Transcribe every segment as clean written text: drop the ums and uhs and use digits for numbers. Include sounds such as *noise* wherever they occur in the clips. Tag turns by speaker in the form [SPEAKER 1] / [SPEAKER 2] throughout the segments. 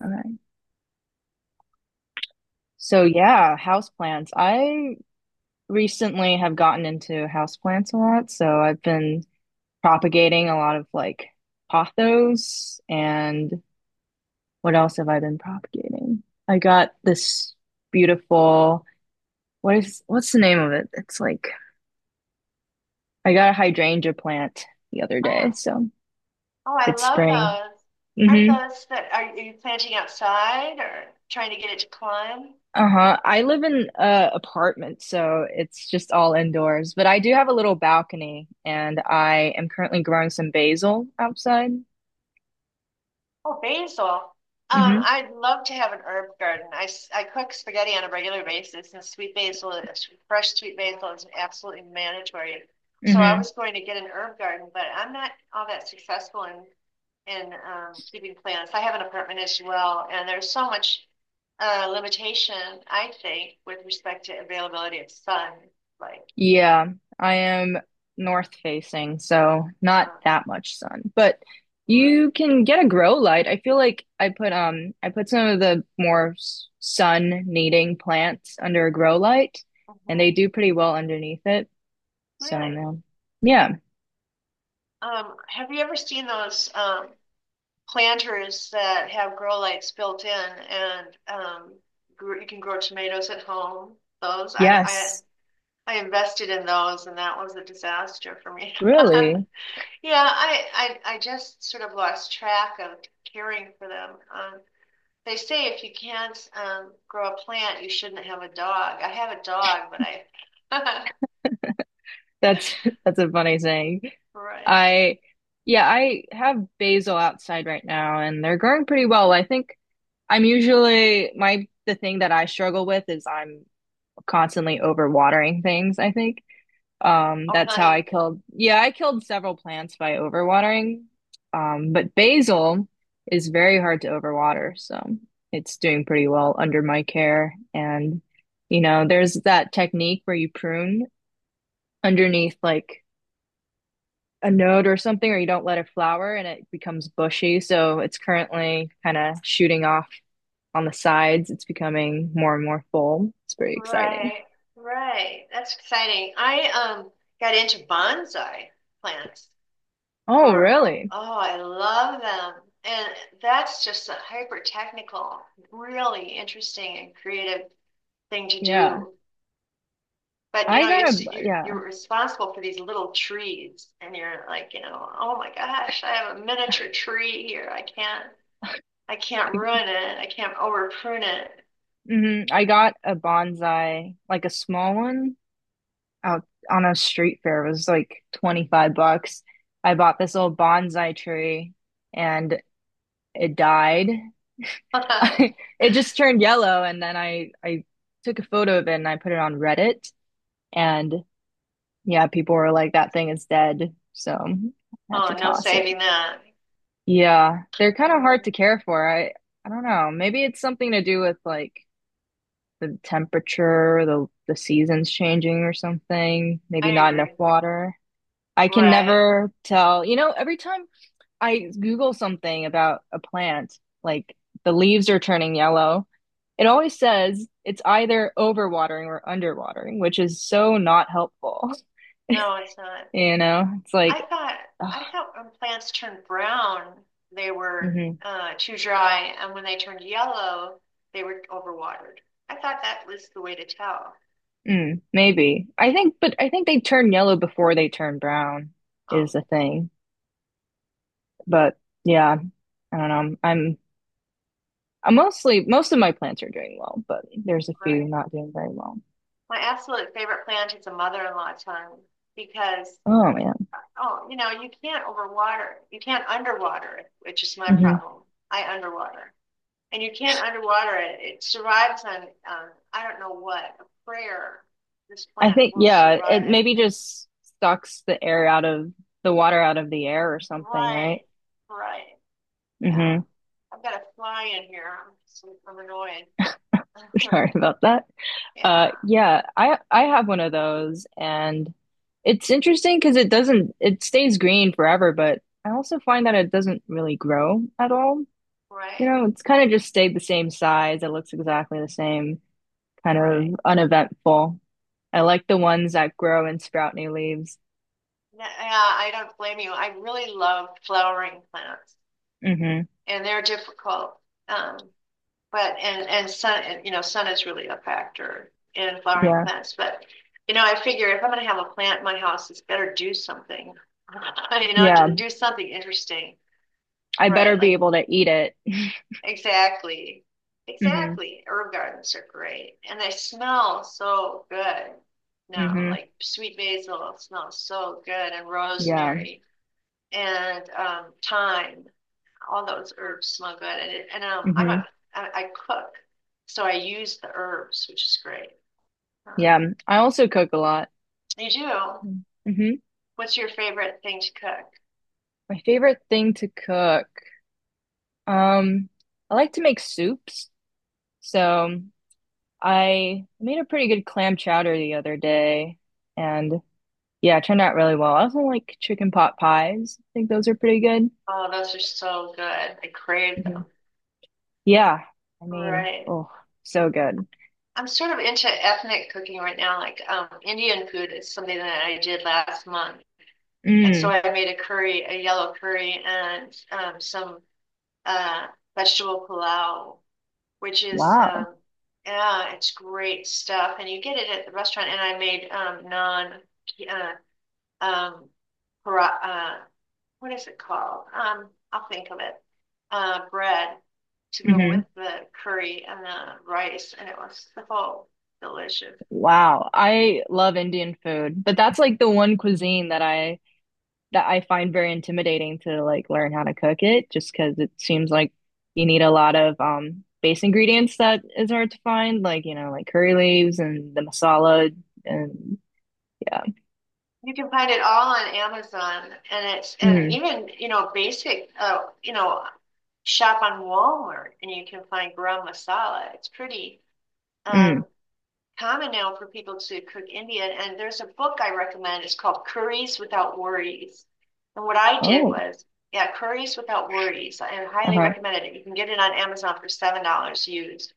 [SPEAKER 1] All right. So yeah, houseplants. I recently have gotten into houseplants a lot, so I've been propagating a lot of like pothos and what else have I been propagating? I got this beautiful what's the name of it? It's like I got a hydrangea plant the other day,
[SPEAKER 2] Ah,
[SPEAKER 1] so
[SPEAKER 2] oh, I
[SPEAKER 1] it's
[SPEAKER 2] love
[SPEAKER 1] spring.
[SPEAKER 2] those. Aren't
[SPEAKER 1] Mm-hmm.
[SPEAKER 2] those are you planting outside or trying to get it to climb?
[SPEAKER 1] Uh-huh. I live in a apartment, so it's just all indoors, but I do have a little balcony and I am currently growing some basil outside.
[SPEAKER 2] Oh, basil.
[SPEAKER 1] Mm-hmm.
[SPEAKER 2] I'd love to have an herb garden. I cook spaghetti on a regular basis, and fresh sweet basil is absolutely mandatory. So I
[SPEAKER 1] Mm-hmm.
[SPEAKER 2] was going to get an herb garden, but I'm not all that successful in keeping plants. I have an apartment as well, and there's so much limitation, I think, with respect to availability of sun, like.
[SPEAKER 1] Yeah, I am north facing, so not
[SPEAKER 2] uh,
[SPEAKER 1] that much sun. But
[SPEAKER 2] Right.
[SPEAKER 1] you can get a grow light. I feel like I put some of the more sun needing plants under a grow light and they
[SPEAKER 2] Uh-huh.
[SPEAKER 1] do pretty well underneath it. So,
[SPEAKER 2] Really?
[SPEAKER 1] man. Yeah.
[SPEAKER 2] Have you ever seen those planters that have grow lights built in and you can grow tomatoes at home? Those.
[SPEAKER 1] Yes.
[SPEAKER 2] I invested in those and that was a disaster for me. *laughs*
[SPEAKER 1] Really?
[SPEAKER 2] Yeah, I just sort of lost track of caring for them. They say if you can't grow a plant, you shouldn't have a dog. I have a dog, but I
[SPEAKER 1] That's *laughs* that's a funny saying.
[SPEAKER 2] *laughs* Right.
[SPEAKER 1] I Yeah, I have basil outside right now and they're growing pretty well. I think I'm usually my the thing that I struggle with is I'm constantly overwatering things, I think.
[SPEAKER 2] Oh,
[SPEAKER 1] That's how I
[SPEAKER 2] really?
[SPEAKER 1] killed, yeah, I killed several plants by overwatering. But basil is very hard to overwater, so it's doing pretty well under my care. And you know, there's that technique where you prune underneath like a node or something, or you don't let it flower and it becomes bushy. So it's currently kind of shooting off on the sides. It's becoming more and more full. It's very exciting.
[SPEAKER 2] Right, right. That's exciting. I um got into bonsai plants
[SPEAKER 1] Oh,
[SPEAKER 2] for
[SPEAKER 1] really?
[SPEAKER 2] oh, I love them. And that's just a hyper technical, really interesting and creative thing to
[SPEAKER 1] Yeah.
[SPEAKER 2] do. But you know, it's
[SPEAKER 1] Yeah.
[SPEAKER 2] you're responsible for these little trees and you're like, you know, oh my gosh, I have a miniature tree here. I can't ruin it. I can't over prune it.
[SPEAKER 1] Hmm. I got a bonsai, like a small one out on a street fair. It was like 25 bucks. I bought this old bonsai tree and it died. *laughs*
[SPEAKER 2] *laughs*
[SPEAKER 1] It just turned yellow, and then I took a photo of it and I put it on Reddit, and yeah, people were like, "That thing is dead," so I had
[SPEAKER 2] Oh,
[SPEAKER 1] to
[SPEAKER 2] no
[SPEAKER 1] toss it.
[SPEAKER 2] saving that.
[SPEAKER 1] Yeah, they're kind of hard to care for. I don't know. Maybe it's something to do with like the temperature, the seasons changing or something. Maybe
[SPEAKER 2] I
[SPEAKER 1] not enough
[SPEAKER 2] agree.
[SPEAKER 1] water. I can
[SPEAKER 2] Right.
[SPEAKER 1] never tell. You know, every time I Google something about a plant, like the leaves are turning yellow. It always says it's either overwatering or underwatering, which is so not helpful. *laughs*
[SPEAKER 2] No, it's not.
[SPEAKER 1] You know, it's
[SPEAKER 2] I
[SPEAKER 1] like,
[SPEAKER 2] thought
[SPEAKER 1] ugh,
[SPEAKER 2] I thought when plants turned brown, they were
[SPEAKER 1] mhm,
[SPEAKER 2] too dry, and when they turned yellow, they were overwatered. I thought that was the way to tell.
[SPEAKER 1] mm, maybe. I think, but I think they turn yellow before they turn brown is
[SPEAKER 2] Um,
[SPEAKER 1] the thing. But yeah, I don't know. I'm mostly, most of my plants are doing well, but there's a few
[SPEAKER 2] right.
[SPEAKER 1] not doing very well.
[SPEAKER 2] My absolute favorite plant is a mother-in-law tongue because
[SPEAKER 1] Oh man.
[SPEAKER 2] oh, you know, you can't overwater. You can't underwater it, which is my
[SPEAKER 1] Mhm.
[SPEAKER 2] problem. I underwater. And you can't underwater it. It survives on, I don't know what, a prayer. This
[SPEAKER 1] I
[SPEAKER 2] plant
[SPEAKER 1] think,
[SPEAKER 2] will
[SPEAKER 1] yeah,
[SPEAKER 2] survive
[SPEAKER 1] it maybe
[SPEAKER 2] anything.
[SPEAKER 1] just sucks the air out of the water out of the air or something,
[SPEAKER 2] Right,
[SPEAKER 1] right?
[SPEAKER 2] right. Yeah.
[SPEAKER 1] Mm-hmm.
[SPEAKER 2] I've got a fly in here. I'm annoyed.
[SPEAKER 1] *laughs*
[SPEAKER 2] *laughs*
[SPEAKER 1] Sorry about that.
[SPEAKER 2] Yeah,
[SPEAKER 1] Yeah, I have one of those, and it's interesting because it doesn't it stays green forever, but I also find that it doesn't really grow at all. You
[SPEAKER 2] right,
[SPEAKER 1] know, it's kind of just stayed the same size. It looks exactly the same, kind
[SPEAKER 2] right.
[SPEAKER 1] of uneventful. I like the ones that grow and sprout new leaves.
[SPEAKER 2] Yeah, I don't blame you. I really love flowering plants,
[SPEAKER 1] Hmm.
[SPEAKER 2] and they're difficult. Um, But and sun and, you know, sun is really a factor in flowering
[SPEAKER 1] Yeah.
[SPEAKER 2] plants. But you know, I figure if I'm going to have a plant in my house, it's better do something. *laughs* You know,
[SPEAKER 1] Yeah.
[SPEAKER 2] do something interesting.
[SPEAKER 1] I better
[SPEAKER 2] Right,
[SPEAKER 1] be
[SPEAKER 2] like
[SPEAKER 1] able to eat it. *laughs*
[SPEAKER 2] exactly,
[SPEAKER 1] Hmm.
[SPEAKER 2] exactly. Herb gardens are great, and they smell so good. No,
[SPEAKER 1] Hmm.
[SPEAKER 2] like sweet basil smells so good, and
[SPEAKER 1] Yeah.
[SPEAKER 2] rosemary and thyme, all those herbs smell good. And, it, and I'm a,
[SPEAKER 1] Hmm.
[SPEAKER 2] I cook, so I use the herbs, which is great. Uh,
[SPEAKER 1] Yeah. I also cook a lot.
[SPEAKER 2] you do.
[SPEAKER 1] Hmm.
[SPEAKER 2] What's your favorite thing to cook?
[SPEAKER 1] My favorite thing to cook. Um, I like to make soups. So I made a pretty good clam chowder the other day and yeah, it turned out really well. I also like chicken pot pies. I think those are pretty good.
[SPEAKER 2] Oh, those are so good. I crave
[SPEAKER 1] Hmm.
[SPEAKER 2] them.
[SPEAKER 1] Yeah. I mean,
[SPEAKER 2] Right.
[SPEAKER 1] oh, so good.
[SPEAKER 2] I'm sort of into ethnic cooking right now. Like Indian food is something that I did last month, and so
[SPEAKER 1] Mm.
[SPEAKER 2] I made a curry, a yellow curry, and some uh, vegetable pilau, which is
[SPEAKER 1] Wow.
[SPEAKER 2] yeah, it's great stuff, and you get it at the restaurant. And I made non uh, um, para, what is it called? I'll think of it. Bread to go
[SPEAKER 1] Hmm.
[SPEAKER 2] with the curry and the rice, and it was so delicious.
[SPEAKER 1] Wow. I love Indian food, but that's like the one cuisine that I find very intimidating to like learn how to cook it just because it seems like you need a lot of base ingredients that is hard to find, like you know, like curry leaves and the masala and yeah.
[SPEAKER 2] You can find it all on Amazon, and it's, and
[SPEAKER 1] Mm,
[SPEAKER 2] even you know, basic, you know, shop on Walmart, and you can find garam masala. It's pretty.
[SPEAKER 1] mm.
[SPEAKER 2] Um, Common now for people to cook Indian. And there's a book I recommend. It's called Curries Without Worries. And what I did
[SPEAKER 1] Oh,
[SPEAKER 2] was, yeah, Curries Without Worries. I highly
[SPEAKER 1] uh-huh.
[SPEAKER 2] recommend it. You can get it on Amazon for $7 used,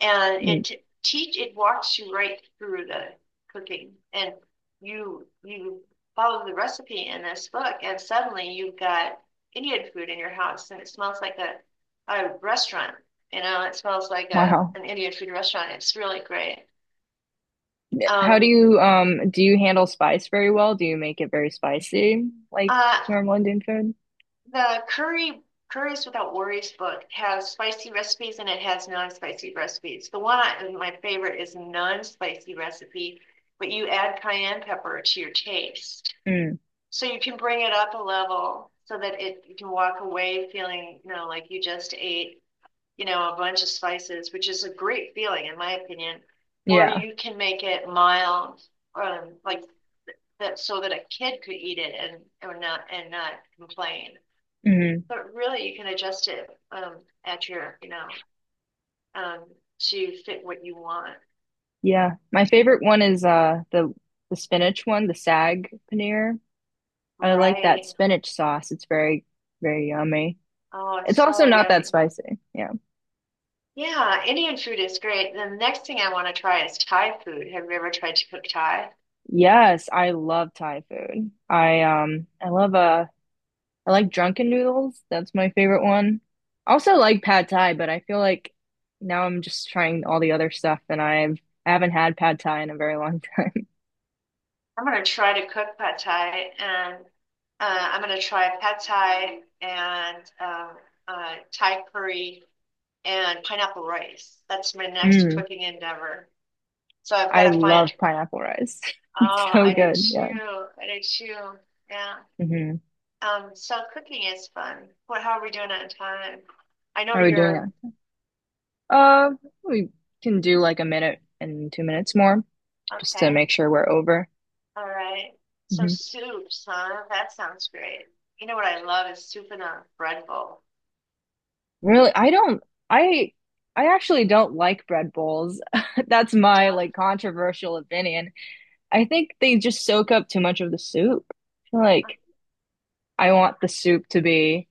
[SPEAKER 2] and
[SPEAKER 1] Mm,
[SPEAKER 2] it walks you right through the cooking, and you follow the recipe in this book, and suddenly you've got Indian food in your house, and it smells like a restaurant. You know, it smells like a
[SPEAKER 1] wow.
[SPEAKER 2] an Indian food restaurant. It's really great.
[SPEAKER 1] How
[SPEAKER 2] Um,
[SPEAKER 1] do you handle spice very well? Do you make it very spicy like
[SPEAKER 2] uh,
[SPEAKER 1] normal Indian food?
[SPEAKER 2] the curry, Curries Without Worries book has spicy recipes and it has non-spicy recipes. My favorite is non-spicy recipe, but you add cayenne pepper to your taste.
[SPEAKER 1] Mm,
[SPEAKER 2] So you can bring it up a level so that it you can walk away feeling, you know, like you just ate, you know, a bunch of spices, which is a great feeling in my opinion. Or
[SPEAKER 1] yeah.
[SPEAKER 2] you can make it mild, um, like that, so that a kid could eat it and or not, and not complain.
[SPEAKER 1] Mm,
[SPEAKER 2] But really, you can adjust it at your, you know, um, to fit what you want.
[SPEAKER 1] yeah. My favorite one is the spinach one, the sag paneer. I like that
[SPEAKER 2] Right.
[SPEAKER 1] spinach sauce. It's very, very yummy.
[SPEAKER 2] Oh,
[SPEAKER 1] It's
[SPEAKER 2] it's
[SPEAKER 1] also
[SPEAKER 2] so
[SPEAKER 1] not that
[SPEAKER 2] yummy.
[SPEAKER 1] spicy. Yeah.
[SPEAKER 2] Yeah, Indian food is great. The next thing I want to try is Thai food. Have you ever tried to cook Thai?
[SPEAKER 1] Yes, I love Thai food. I love I like drunken noodles. That's my favorite one. I also like pad thai, but I feel like now I'm just trying all the other stuff and I haven't had pad thai in a very long time. *laughs*
[SPEAKER 2] I'm going to try to cook pad Thai, and I'm going to try pad Thai and Thai curry and pineapple rice. That's my next
[SPEAKER 1] Mm,
[SPEAKER 2] cooking endeavor. So I've
[SPEAKER 1] I
[SPEAKER 2] got to
[SPEAKER 1] love
[SPEAKER 2] find,
[SPEAKER 1] pineapple rice. *laughs* It's
[SPEAKER 2] oh,
[SPEAKER 1] so
[SPEAKER 2] I do
[SPEAKER 1] good. Yeah.
[SPEAKER 2] too. I do too. Yeah.
[SPEAKER 1] Hmm.
[SPEAKER 2] So cooking is fun. What, how are we doing on time? I know
[SPEAKER 1] How are we doing
[SPEAKER 2] you're,
[SPEAKER 1] that? Uh, we can do like a minute and 2 minutes more. Just to
[SPEAKER 2] okay.
[SPEAKER 1] make sure we're over.
[SPEAKER 2] All right. So
[SPEAKER 1] Mhm.
[SPEAKER 2] soups, huh? That sounds great. You know what I love is soup in a bread bowl.
[SPEAKER 1] Really, I, I actually don't like bread bowls. *laughs* That's
[SPEAKER 2] You
[SPEAKER 1] my
[SPEAKER 2] don't?
[SPEAKER 1] like controversial opinion. I think they just soak up too much of the soup. I feel
[SPEAKER 2] uh,
[SPEAKER 1] like I want the soup to be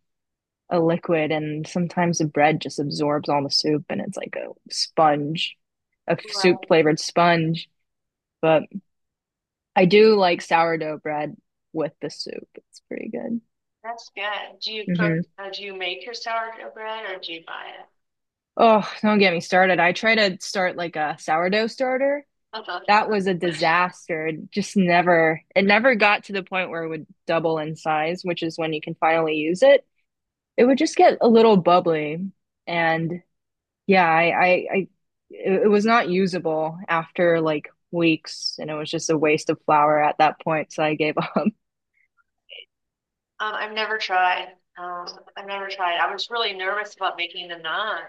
[SPEAKER 1] a liquid, and sometimes the bread just absorbs all the soup, and it's like a sponge, a soup
[SPEAKER 2] Right.
[SPEAKER 1] flavored sponge. But I do like sourdough bread with the soup. It's pretty good.
[SPEAKER 2] That's good. Do you cook,
[SPEAKER 1] Hmm.
[SPEAKER 2] do you make your sourdough bread or do you buy it?
[SPEAKER 1] Oh, don't get me started. I tried to start like a sourdough starter.
[SPEAKER 2] Uh-huh.
[SPEAKER 1] That was a
[SPEAKER 2] *laughs*
[SPEAKER 1] disaster. It never got to the point where it would double in size, which is when you can finally use it. It would just get a little bubbly. And yeah, I it, it was not usable after like weeks, and it was just a waste of flour at that point. So I gave up.
[SPEAKER 2] Um, I've never tried. Um, I've never tried. I was really nervous about making the naan,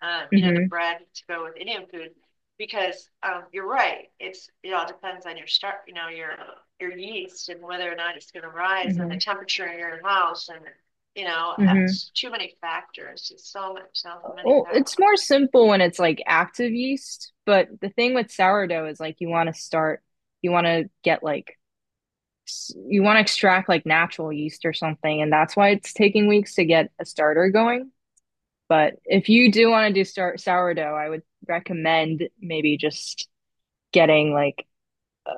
[SPEAKER 1] *laughs*
[SPEAKER 2] you know, the
[SPEAKER 1] Hmm.
[SPEAKER 2] bread to go with Indian food, because you're right. It's, it all depends on your start, you know, your yeast and whether or not it's going to rise and the
[SPEAKER 1] Hmm.
[SPEAKER 2] temperature in your house and you know,
[SPEAKER 1] Hmm.
[SPEAKER 2] it's too many factors. It's so much, so many
[SPEAKER 1] Oh,
[SPEAKER 2] factors.
[SPEAKER 1] it's more simple when it's like active yeast, but the thing with sourdough is like you want to get like, you want to extract like natural yeast or something, and that's why it's taking weeks to get a starter going. But if you do want to do start sourdough, I would recommend maybe just getting like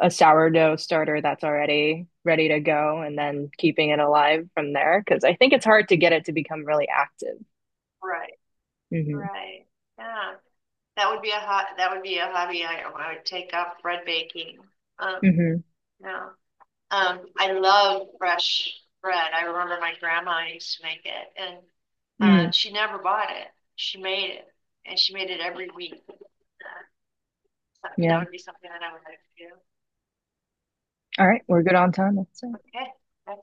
[SPEAKER 1] a sourdough starter that's already ready to go and then keeping it alive from there because I think it's hard to get it to become really active.
[SPEAKER 2] Right.
[SPEAKER 1] Hmm.
[SPEAKER 2] Right. Yeah. That would be a hot. That would be a hobby I would take up bread baking. Um,
[SPEAKER 1] Hmm.
[SPEAKER 2] no. I love fresh bread. I remember my grandma used to make it, and
[SPEAKER 1] Mm.
[SPEAKER 2] she never bought it. She made it, and she made it every week. Uh, so that
[SPEAKER 1] Yeah.
[SPEAKER 2] would be something that I would like to
[SPEAKER 1] All
[SPEAKER 2] do.
[SPEAKER 1] right, we're good on time, let's say.
[SPEAKER 2] Okay, that's